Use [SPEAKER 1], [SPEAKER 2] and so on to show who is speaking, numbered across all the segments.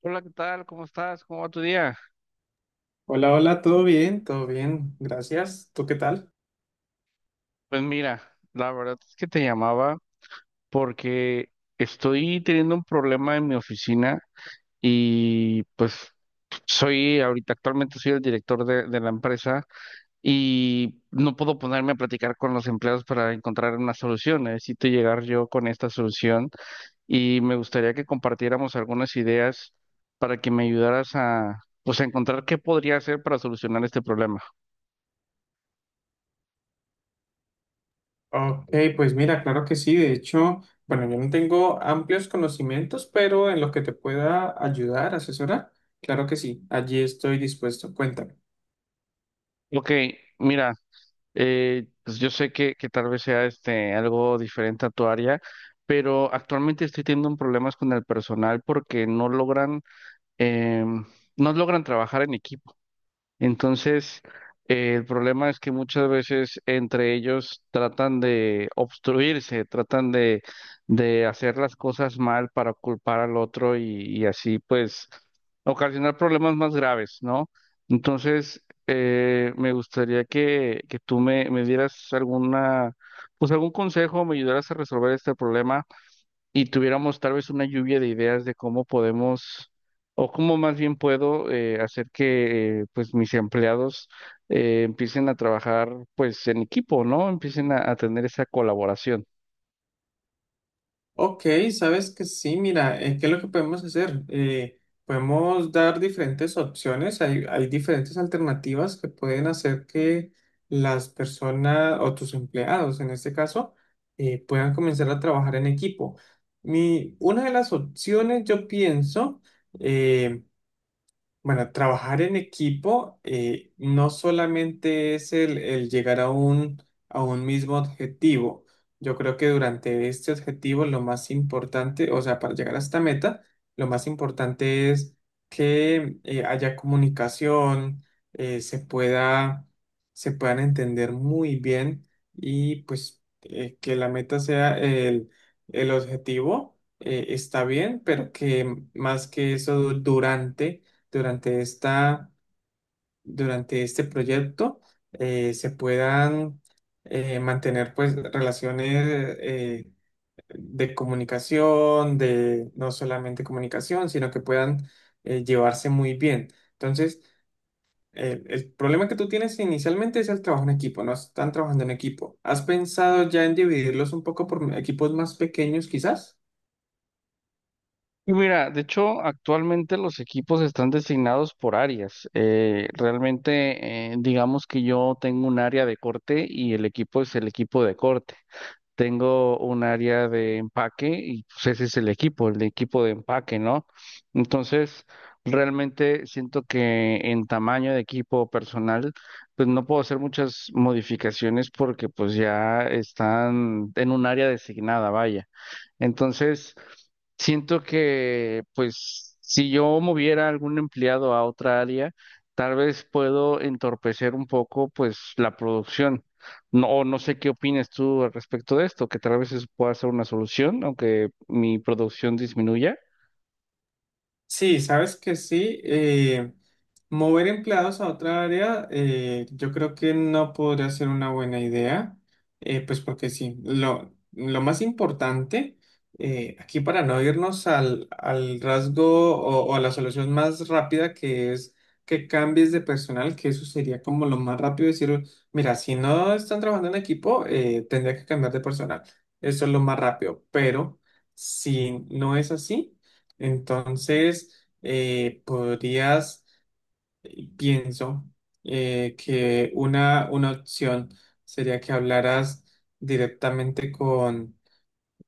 [SPEAKER 1] Hola, ¿qué tal? ¿Cómo estás? ¿Cómo va tu día?
[SPEAKER 2] Hola, hola, todo bien, gracias. ¿Tú qué tal?
[SPEAKER 1] Pues mira, la verdad es que te llamaba porque estoy teniendo un problema en mi oficina y pues soy ahorita actualmente soy el director de la empresa y no puedo ponerme a platicar con los empleados para encontrar una solución. Necesito llegar yo con esta solución y me gustaría que compartiéramos algunas ideas para que me ayudaras a, pues, a encontrar qué podría hacer para solucionar este problema.
[SPEAKER 2] Ok, pues mira, claro que sí. De hecho, bueno, yo no tengo amplios conocimientos, pero en lo que te pueda ayudar, asesorar, claro que sí, allí estoy dispuesto. Cuéntame.
[SPEAKER 1] Ok, mira. Pues yo sé que tal vez sea este algo diferente a tu área, pero actualmente estoy teniendo un problemas con el personal porque no logran, em, no logran trabajar en equipo. Entonces, el problema es que muchas veces entre ellos tratan de obstruirse, tratan de hacer las cosas mal para culpar al otro y así pues ocasionar problemas más graves, ¿no? Entonces, me gustaría que tú me dieras alguna, pues algún consejo, me ayudaras a resolver este problema y tuviéramos tal vez una lluvia de ideas de cómo podemos, o cómo más bien puedo hacer que pues mis empleados empiecen a trabajar pues en equipo, ¿no? Empiecen a tener esa colaboración.
[SPEAKER 2] Ok, sabes que sí, mira, ¿qué es lo que podemos hacer? Podemos dar diferentes opciones, hay diferentes alternativas que pueden hacer que las personas o tus empleados, en este caso, puedan comenzar a trabajar en equipo. Una de las opciones, yo pienso, eh, bueno, trabajar en equipo no solamente es el llegar a un mismo objetivo. Yo creo que durante este objetivo lo más importante, o sea, para llegar a esta meta, lo más importante es que haya comunicación, eh, se pueda, se puedan entender muy bien y pues que la meta sea el objetivo, está bien, pero que más que eso durante esta, durante este proyecto se puedan mantener pues relaciones de comunicación, de no solamente comunicación, sino que puedan llevarse muy bien. Entonces, el problema que tú tienes inicialmente es el trabajo en equipo, no están trabajando en equipo. ¿Has pensado ya en dividirlos un poco por equipos más pequeños quizás?
[SPEAKER 1] Y mira, de hecho, actualmente los equipos están designados por áreas. Realmente, digamos que yo tengo un área de corte y el equipo es el equipo de corte. Tengo un área de empaque y pues ese es el equipo, el de equipo de empaque, ¿no? Entonces, realmente siento que en tamaño de equipo personal, pues no puedo hacer muchas modificaciones porque pues ya están en un área designada, vaya. Entonces, siento que, pues, si yo moviera algún empleado a otra área, tal vez puedo entorpecer un poco, pues, la producción. No, o no sé qué opinas tú al respecto de esto, que tal vez eso pueda ser una solución, aunque mi producción disminuya.
[SPEAKER 2] Sí, sabes que sí. Mover empleados a otra área, yo creo que no podría ser una buena idea, pues porque sí, lo más importante, aquí para no irnos al rasgo o a la solución más rápida que es que cambies de personal, que eso sería como lo más rápido, decir, mira, si no están trabajando en equipo, tendría que cambiar de personal. Eso es lo más rápido, pero si no es así entonces, eh, pienso, que una opción sería que hablaras directamente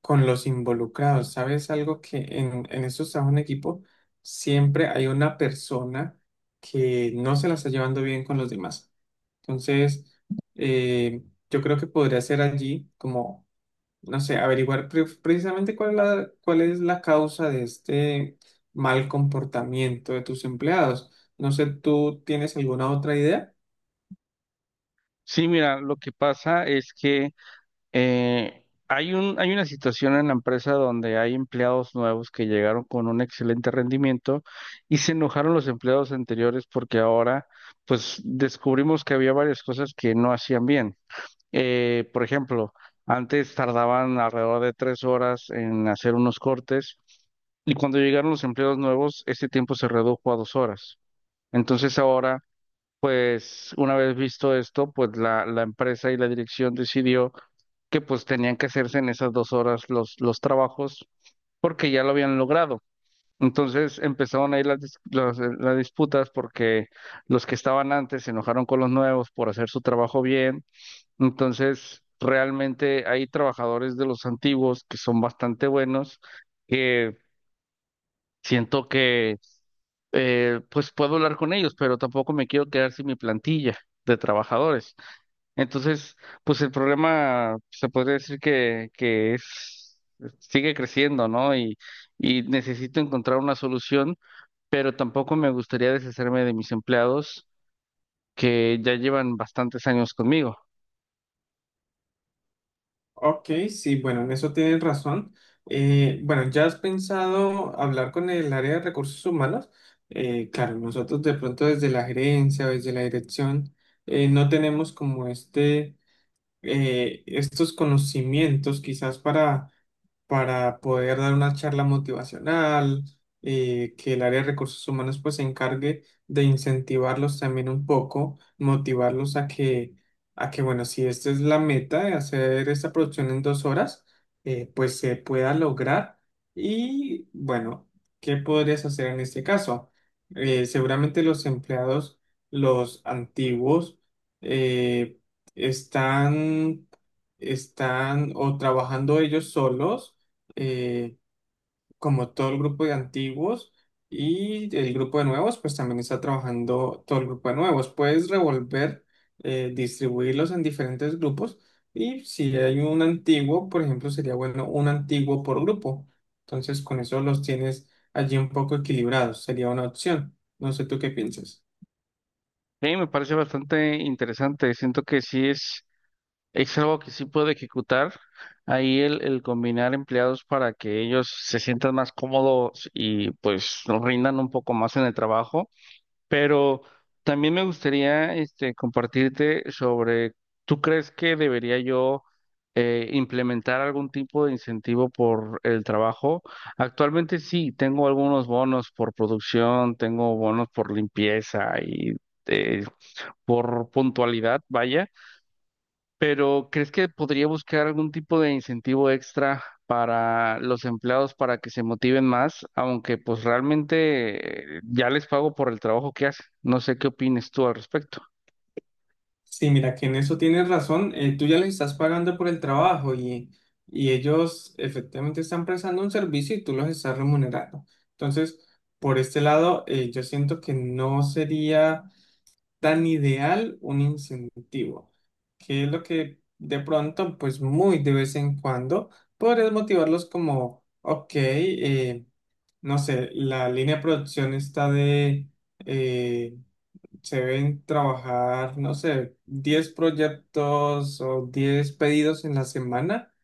[SPEAKER 2] con los involucrados. ¿Sabes algo que en estos trabajos en equipo siempre hay una persona que no se la está llevando bien con los demás? Entonces, eh, yo creo que podría ser allí como no sé, averiguar precisamente cuál es la causa de este mal comportamiento de tus empleados. No sé, ¿tú tienes alguna otra idea?
[SPEAKER 1] Sí, mira, lo que pasa es que hay un, hay una situación en la empresa donde hay empleados nuevos que llegaron con un excelente rendimiento y se enojaron los empleados anteriores porque ahora, pues, descubrimos que había varias cosas que no hacían bien. Por ejemplo, antes tardaban alrededor de 3 horas en hacer unos cortes. Y cuando llegaron los empleados nuevos, ese tiempo se redujo a 2 horas. Entonces ahora, pues, una vez visto esto, pues la empresa y la dirección decidió que pues tenían que hacerse en esas 2 horas los trabajos porque ya lo habían logrado. Entonces empezaron ahí las, las disputas porque los que estaban antes se enojaron con los nuevos por hacer su trabajo bien. Entonces realmente hay trabajadores de los antiguos que son bastante buenos, que siento que pues puedo hablar con ellos, pero tampoco me quiero quedar sin mi plantilla de trabajadores. Entonces, pues el problema pues, se podría decir que es, sigue creciendo, ¿no? Y necesito encontrar una solución, pero tampoco me gustaría deshacerme de mis empleados que ya llevan bastantes años conmigo.
[SPEAKER 2] Ok, sí, bueno, en eso tienes razón. Bueno, ¿ya has pensado hablar con el área de recursos humanos? Claro, nosotros de pronto desde la gerencia, desde la dirección, no tenemos como este... estos conocimientos quizás para poder dar una charla motivacional, que el área de recursos humanos pues se encargue de incentivarlos también un poco, motivarlos a que bueno, si esta es la meta de hacer esta producción en 2 horas, pues se pueda lograr. Y bueno, ¿qué podrías hacer en este caso? Seguramente los empleados, los antiguos, eh, están, están o trabajando ellos solos, eh, como todo el grupo de antiguos, y el grupo de nuevos, pues también está trabajando todo el grupo de nuevos. Puedes revolver, distribuirlos en diferentes grupos, y si hay un antiguo, por ejemplo, sería bueno un antiguo por grupo. Entonces, con eso los tienes allí un poco equilibrados, sería una opción. No sé tú qué piensas.
[SPEAKER 1] A mí me parece bastante interesante, siento que sí es algo que sí puedo ejecutar. Ahí el combinar empleados para que ellos se sientan más cómodos y pues nos rindan un poco más en el trabajo. Pero también me gustaría este, compartirte sobre, ¿tú crees que debería yo implementar algún tipo de incentivo por el trabajo? Actualmente sí, tengo algunos bonos por producción, tengo bonos por limpieza y eh, por puntualidad, vaya. Pero ¿crees que podría buscar algún tipo de incentivo extra para los empleados para que se motiven más? Aunque pues realmente ya les pago por el trabajo que hacen. No sé qué opines tú al respecto.
[SPEAKER 2] Sí, mira, que en eso tienes razón. Tú ya les estás pagando por el trabajo y ellos efectivamente están prestando un servicio y tú los estás remunerando. Entonces, por este lado, yo siento que no sería tan ideal un incentivo, que es lo que de pronto, pues muy de vez en cuando, podrías motivarlos como, ok, no sé, la línea de producción está de... eh, se deben trabajar, no sé, 10 proyectos o 10 pedidos en la semana.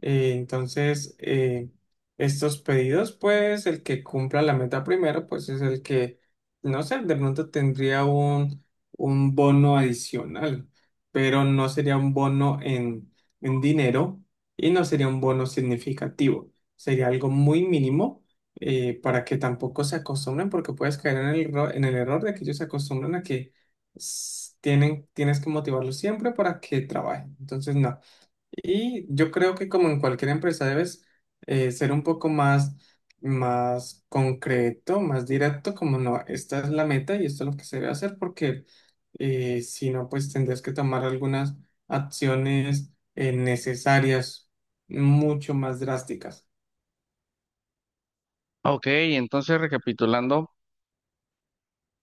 [SPEAKER 2] Entonces, estos pedidos, pues el que cumpla la meta primero, pues es el que, no sé, de pronto tendría un bono adicional, pero no sería un bono en dinero y no sería un bono significativo. Sería algo muy mínimo para que tampoco se acostumbren, porque puedes caer en el, en el error de que ellos se acostumbran a que tienes que motivarlos siempre para que trabajen. Entonces, no. Y yo creo que como en cualquier empresa debes ser un poco más, más concreto, más directo, como no, esta es la meta y esto es lo que se debe hacer, porque si no, pues tendrás que tomar algunas acciones necesarias, mucho más drásticas.
[SPEAKER 1] Ok, entonces recapitulando,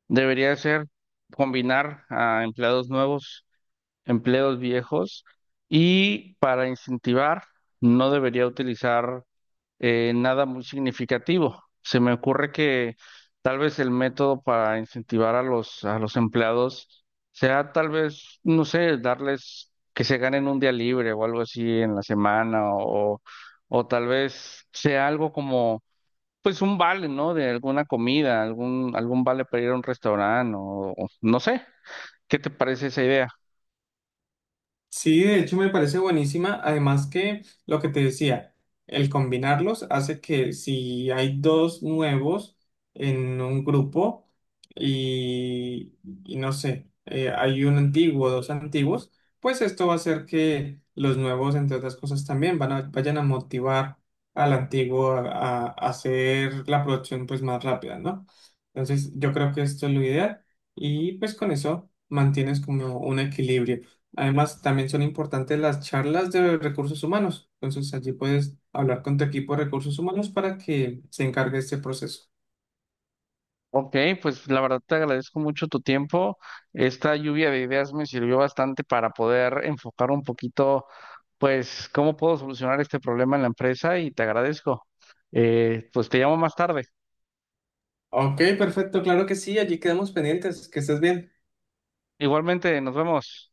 [SPEAKER 1] debería ser combinar a empleados nuevos, empleos viejos y para incentivar no debería utilizar nada muy significativo. Se me ocurre que tal vez el método para incentivar a los empleados sea tal vez, no sé, darles que se ganen un día libre o algo así en la semana o tal vez sea algo como, pues un vale, ¿no? De alguna comida, algún vale para ir a un restaurante o no sé. ¿Qué te parece esa idea?
[SPEAKER 2] Sí, de hecho me parece buenísima. Además que lo que te decía, el combinarlos hace que si hay 2 nuevos en un grupo y, y no sé, hay un antiguo, 2 antiguos, pues esto va a hacer que los nuevos, entre otras cosas, también vayan a motivar al antiguo a hacer la producción pues más rápida, ¿no? Entonces yo creo que esto es lo ideal y pues con eso mantienes como un equilibrio. Además, también son importantes las charlas de recursos humanos. Entonces, allí puedes hablar con tu equipo de recursos humanos para que se encargue este proceso.
[SPEAKER 1] Ok, pues la verdad te agradezco mucho tu tiempo. Esta lluvia de ideas me sirvió bastante para poder enfocar un poquito, pues, cómo puedo solucionar este problema en la empresa y te agradezco. Pues te llamo más tarde.
[SPEAKER 2] Ok, perfecto, claro que sí, allí quedamos pendientes. Que estés bien.
[SPEAKER 1] Igualmente, nos vemos.